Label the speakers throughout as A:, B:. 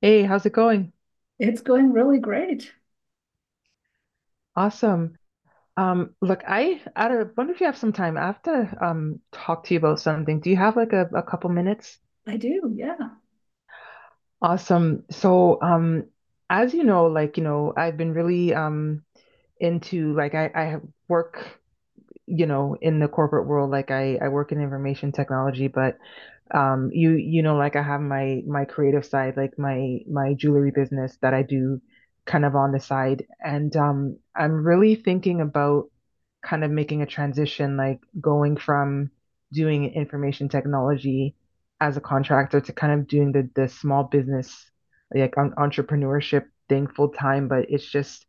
A: Hey, how's it going?
B: It's going really great.
A: Awesome. Look, I wonder if you have some time. I have to talk to you about something. Do you have like a couple minutes?
B: I do. Yeah.
A: Awesome. As you know, I've been really into like I have work, you know, in the corporate world. Like I work in information technology, but I have my creative side, like my jewelry business that I do kind of on the side. And I'm really thinking about kind of making a transition, like going from doing information technology as a contractor to kind of doing the small business, like on entrepreneurship thing, full time. But it's just,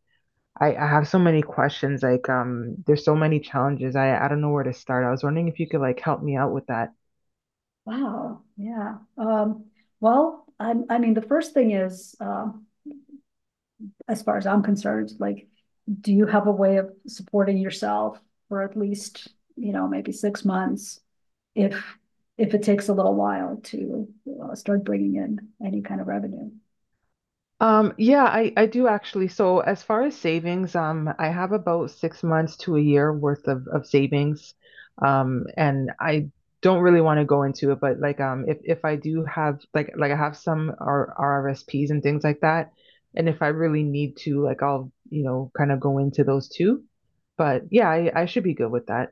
A: I have so many questions. Like there's so many challenges. I don't know where to start. I was wondering if you could like help me out with that.
B: Wow. Yeah. Well, I mean, the first thing is, as far as I'm concerned, like, do you have a way of supporting yourself for at least, you know, maybe 6 months? If it takes a little while to start bringing in any kind of revenue,
A: Yeah, I do actually. So as far as savings, I have about 6 months to a year worth of savings. And I don't really want to go into it, but like if I do have like I have some R RRSPs and things like that. And if I really need to, like I'll, you know, kind of go into those too. But yeah, I should be good with that.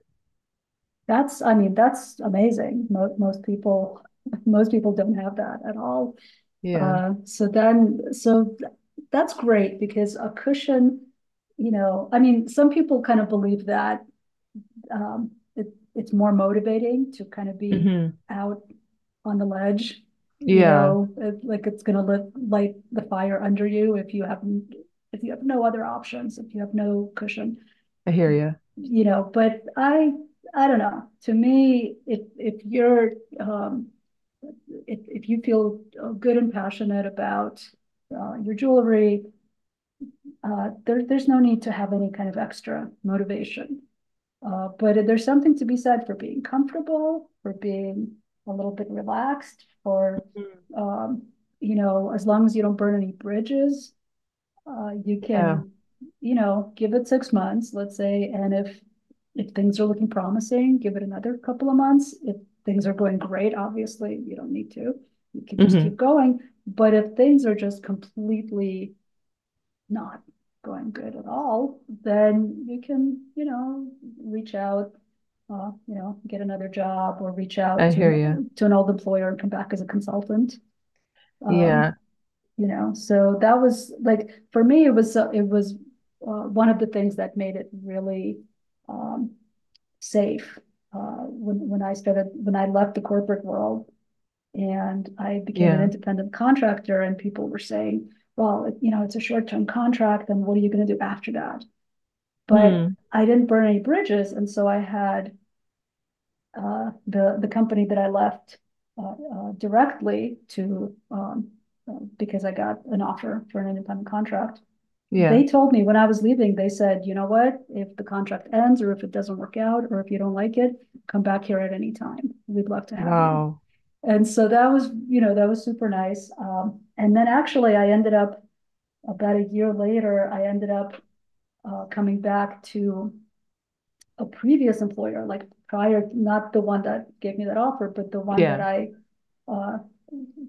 B: I mean, that's amazing. Most people most people don't have that at all.
A: Yeah.
B: So then, that's great because a cushion, you know, I mean, some people kind of believe that um, it, it's more motivating to kind of be
A: Hmm.
B: out on the ledge, you
A: Yeah,
B: know, like it's going to light the fire under you if you have no other options, if you have no cushion,
A: I hear you.
B: you know. But I don't know. To me, if you're um, if you feel good and passionate about your jewelry, there's no need to have any kind of extra motivation. But there's something to be said for being comfortable, for being a little bit relaxed, for, um, you know, as long as you don't burn any bridges, you
A: Yeah.
B: can, you know, give it 6 months, let's say, and if things are looking promising, give it another couple of months. If things are going great, obviously, you don't need to. You can just keep
A: Hmm.
B: going. But if things are just completely not going good at all, then you can, you know, reach out, you know, get another job or reach out
A: I hear you.
B: to an old employer and come back as a consultant. Um,
A: Yeah.
B: you know, so that was like, for me, it was one of the things that made it really um, safe uh, when I started, when I left the corporate world and I became an
A: Yeah.
B: independent contractor and people were saying, well, you know, it's a short-term contract and what are you going to do after that? But
A: Hmm.
B: I didn't burn any bridges. And so I had the company that I left directly to, because I got an offer for an independent contract.
A: Yeah.
B: They told me when I was leaving, they said, you know what, if the contract ends or if it doesn't work out or if you don't like it, come back here at any time. We'd love to have you.
A: Wow.
B: And so that was, you know, that was super nice. And then actually, I ended up about a year later, I ended up coming back to a previous employer, like prior, not the one that gave me that offer, but the one
A: Yeah,
B: uh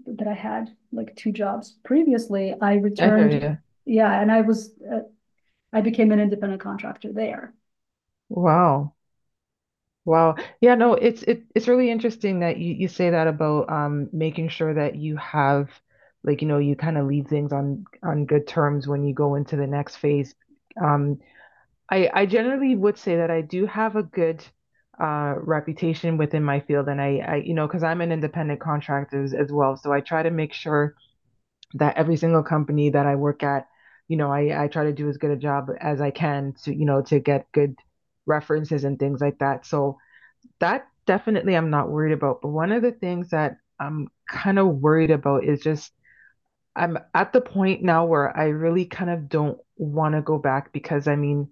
B: that I had like two jobs previously, I
A: I hear
B: returned,
A: you.
B: yeah, and I was I became an independent contractor there.
A: Wow. Wow. Yeah, no, it's it's really interesting that you say that about making sure that you have like, you know, you kind of leave things on good terms when you go into the next phase. Um, I generally would say that I do have a good reputation within my field. And I you know, because I'm an independent contractor as well, so I try to make sure that every single company that I work at, you know, I try to do as good a job as I can to, you know, to get good references and things like that. So that definitely I'm not worried about. But one of the things that I'm kind of worried about is just I'm at the point now where I really kind of don't want to go back, because I mean,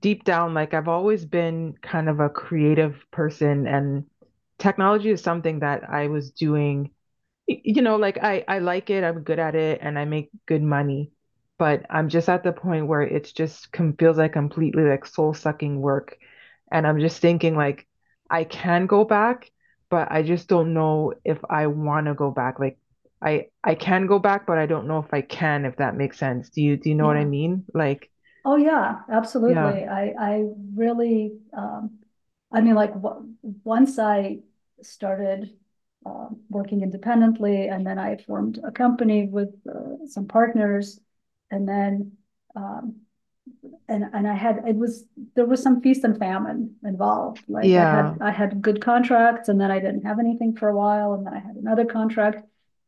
A: deep down, like I've always been kind of a creative person, and technology is something that I was doing. You know, like I like it, I'm good at it, and I make good money, but I'm just at the point where it's just com feels like completely like soul-sucking work. And I'm just thinking like I can go back, but I just don't know if I want to go back. Like I can go back, but I don't know if I can, if that makes sense. Do you know what I
B: Yeah.
A: mean? Like
B: Oh yeah, absolutely.
A: yeah.
B: I really I mean once I started working independently and then I formed a company with some partners and then um and I had it was there was some feast and famine involved. Like
A: Yeah.
B: I had good contracts and then I didn't have anything for a while and then I had another contract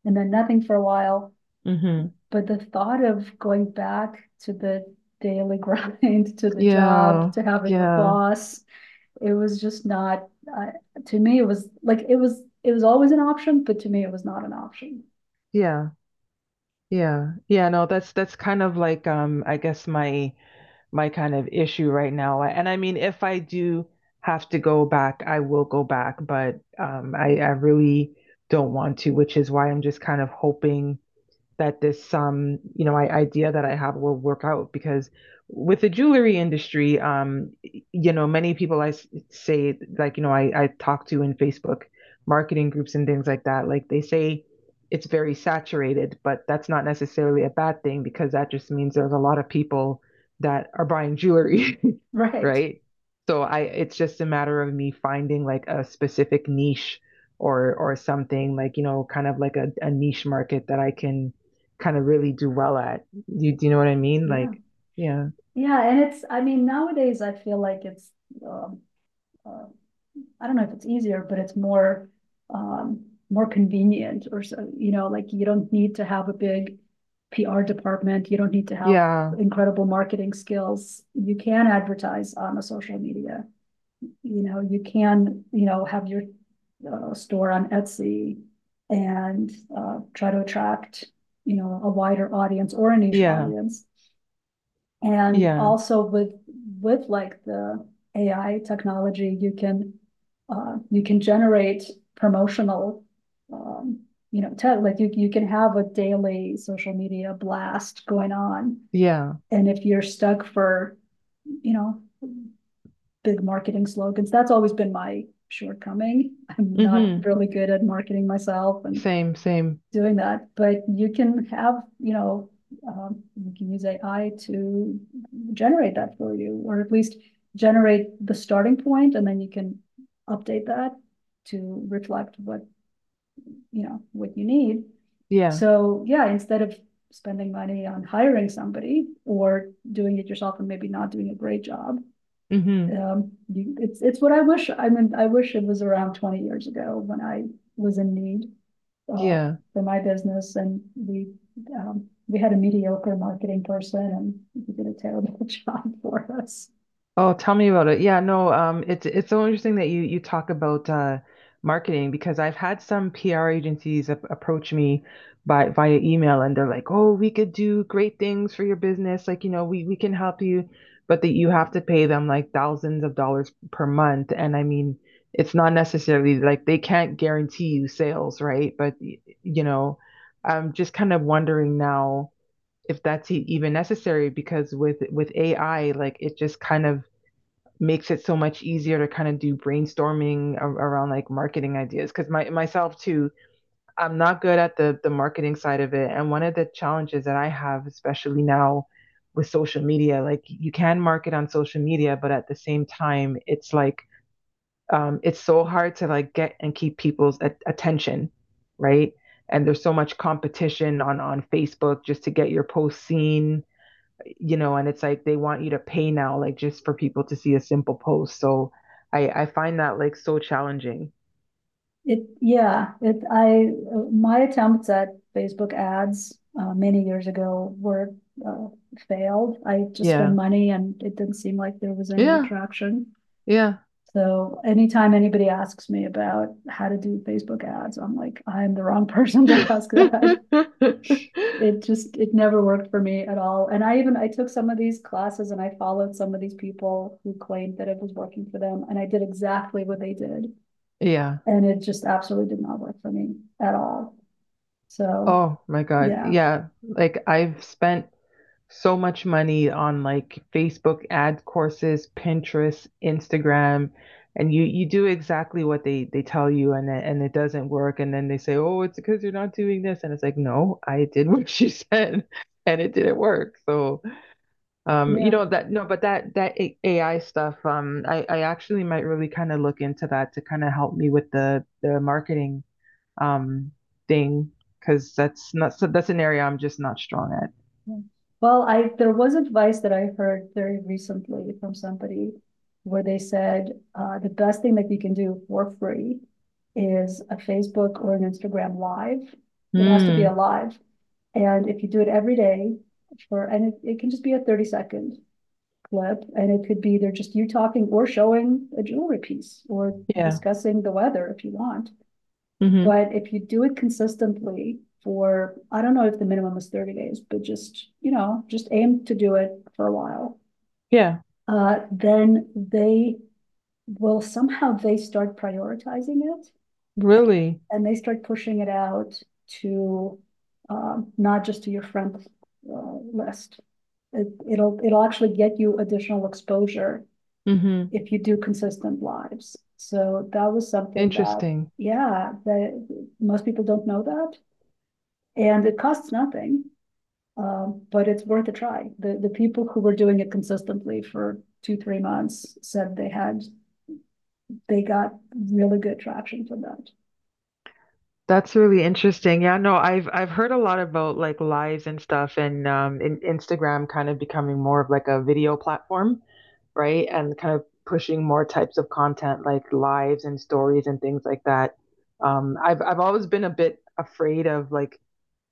B: and then nothing for a while.
A: Hmm.
B: But the thought of going back to the daily grind, to the job,
A: Yeah.
B: to having a
A: Yeah.
B: boss, it was just not uh, to me. It was like it was always an option, but to me it was not an option.
A: Yeah. Yeah. Yeah, no, that's kind of like I guess my my kind of issue right now. And I mean, if I do have to go back, I will go back, but I really don't want to, which is why I'm just kind of hoping that this idea that I have will work out. Because with the jewelry industry, you know, many people I say, like, you know, I talk to in Facebook marketing groups and things like that, like they say it's very saturated, but that's not necessarily a bad thing because that just means there's a lot of people that are buying jewelry
B: Right?
A: right. So I, it's just a matter of me finding like a specific niche, or something, like, you know, kind of like a niche market that I can kind of really do well at. You Do you know what I mean?
B: Yeah,
A: Like, yeah.
B: yeah. And it's I mean nowadays I feel like it's. Um, uh, I don't know if it's easier, but it's more um, more convenient or so, you know, like you don't need to have a big PR department. You don't need to have
A: Yeah.
B: incredible marketing skills. You can advertise on a social media. You know, you can, you know, have your store on Etsy and try to attract, you know, a wider audience or a niche
A: Yeah.
B: audience. And
A: Yeah.
B: also with like the AI technology, you can generate promotional, um, you know, like you can have a daily social media blast going on.
A: Yeah.
B: And if you're stuck for, you know, big marketing slogans, that's always been my shortcoming. I'm not
A: Mm-hmm.
B: really good at marketing myself and
A: Same, same.
B: doing that, but you can have, you know, you can use AI to generate that for you, or at least generate the starting point, and then you can update that to reflect what, you know, what you need.
A: Yeah.
B: So yeah, instead of spending money on hiring somebody or doing it yourself and maybe not doing a great job,
A: Mm-hmm.
B: it's what I wish. I mean, I wish it was around 20 years ago when I was in need uh,
A: Yeah.
B: for my business and we had a mediocre marketing person and he did a terrible job for us.
A: Oh, tell me about it. Yeah, no, it's so interesting that you talk about marketing, because I've had some PR agencies ap approach me by via email, and they're like, "Oh, we could do great things for your business. Like, you know, we can help you, but that you have to pay them like thousands of dollars per month." And I mean, it's not necessarily like they can't guarantee you sales, right? But you know, I'm just kind of wondering now if that's even necessary, because with AI, like it just kind of makes it so much easier to kind of do brainstorming around like marketing ideas, because my myself too, I'm not good at the marketing side of it. And one of the challenges that I have, especially now with social media, like you can market on social media, but at the same time it's like, it's so hard to like get and keep people's attention, right. And there's so much competition on Facebook just to get your post seen, you know. And it's like they want you to pay now, like just for people to see a simple post. So I find that like so challenging.
B: It, yeah, it, I, my attempts at Facebook ads, many years ago were, uh, failed. I just spent
A: Yeah.
B: money and it didn't seem like there was any
A: Yeah.
B: traction.
A: Yeah.
B: So anytime anybody asks me about how to do Facebook ads, I'm like, I'm the wrong person to ask that. It just it never worked for me at all, and I even I took some of these classes and I followed some of these people who claimed that it was working for them and I did exactly what they did,
A: Yeah.
B: and it just absolutely did not work for me at all. So
A: Oh my God.
B: yeah,
A: Yeah. Like I've spent so much money on like Facebook ad courses, Pinterest, Instagram, and you do exactly what they tell you, and and it doesn't work. And then they say, "Oh, it's because you're not doing this." And it's like, "No, I did what she said." And it didn't work. So, you
B: yeah
A: know that no, but that that AI stuff, I actually might really kind of look into that to kind of help me with the marketing um thing, because that's not so that's an area I'm just not strong at.
B: yeah. well I there was advice that I heard very recently from somebody where they said the best thing that you can do for free is a Facebook or an Instagram live. It has to be a
A: Mm,
B: live. And if you do it every day for, and it can just be a 30-second clip, and it could be either just you talking or showing a jewelry piece or
A: yeah,
B: discussing the weather if you want.
A: mhm,
B: But if you do it consistently for, I don't know if the minimum is 30 days, but just, you know, just aim to do it for a while,
A: yeah,
B: then they will somehow they start prioritizing it
A: really,
B: and they start pushing it out to not just to your friend list. It'll actually get you additional exposure
A: mhm,
B: if you do consistent lives. So that was something that
A: interesting.
B: yeah, that most people don't know that, and it costs nothing, but it's worth a try. The people who were doing it consistently for 2 3 months said they had they got really good traction for that.
A: That's really interesting. Yeah, no, I've heard a lot about like lives and stuff, and in Instagram kind of becoming more of like a video platform, right? And kind of pushing more types of content like lives and stories and things like that. I've always been a bit afraid of like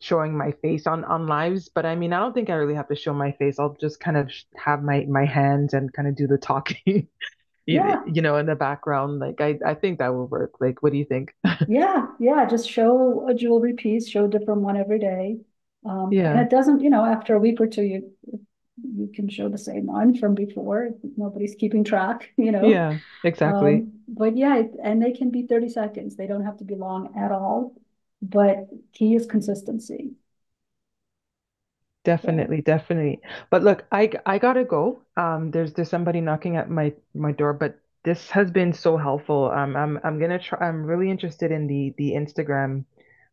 A: showing my face on lives, but I mean, I don't think I really have to show my face. I'll just kind of sh have my hands and kind of do the talking,
B: Yeah,
A: you know, in the background. Like I think that will work. Like what do you think?
B: yeah. Just show a jewelry piece, show a different one every day. And
A: Yeah.
B: it doesn't, you know, after a week or two, you can show the same one from before. Nobody's keeping track, you know.
A: Yeah, exactly.
B: But yeah, and they can be 30 seconds. They don't have to be long at all. But key is consistency. So
A: Definitely, definitely. But look, I gotta go. There's somebody knocking at my door, but this has been so helpful. I'm gonna try. I'm really interested in the Instagram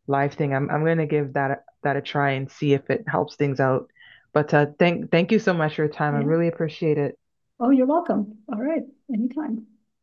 A: live thing. I'm gonna give that a try and see if it helps things out. But thank you so much for your time. I
B: yeah.
A: really appreciate it.
B: Oh, you're welcome. All right. Anytime.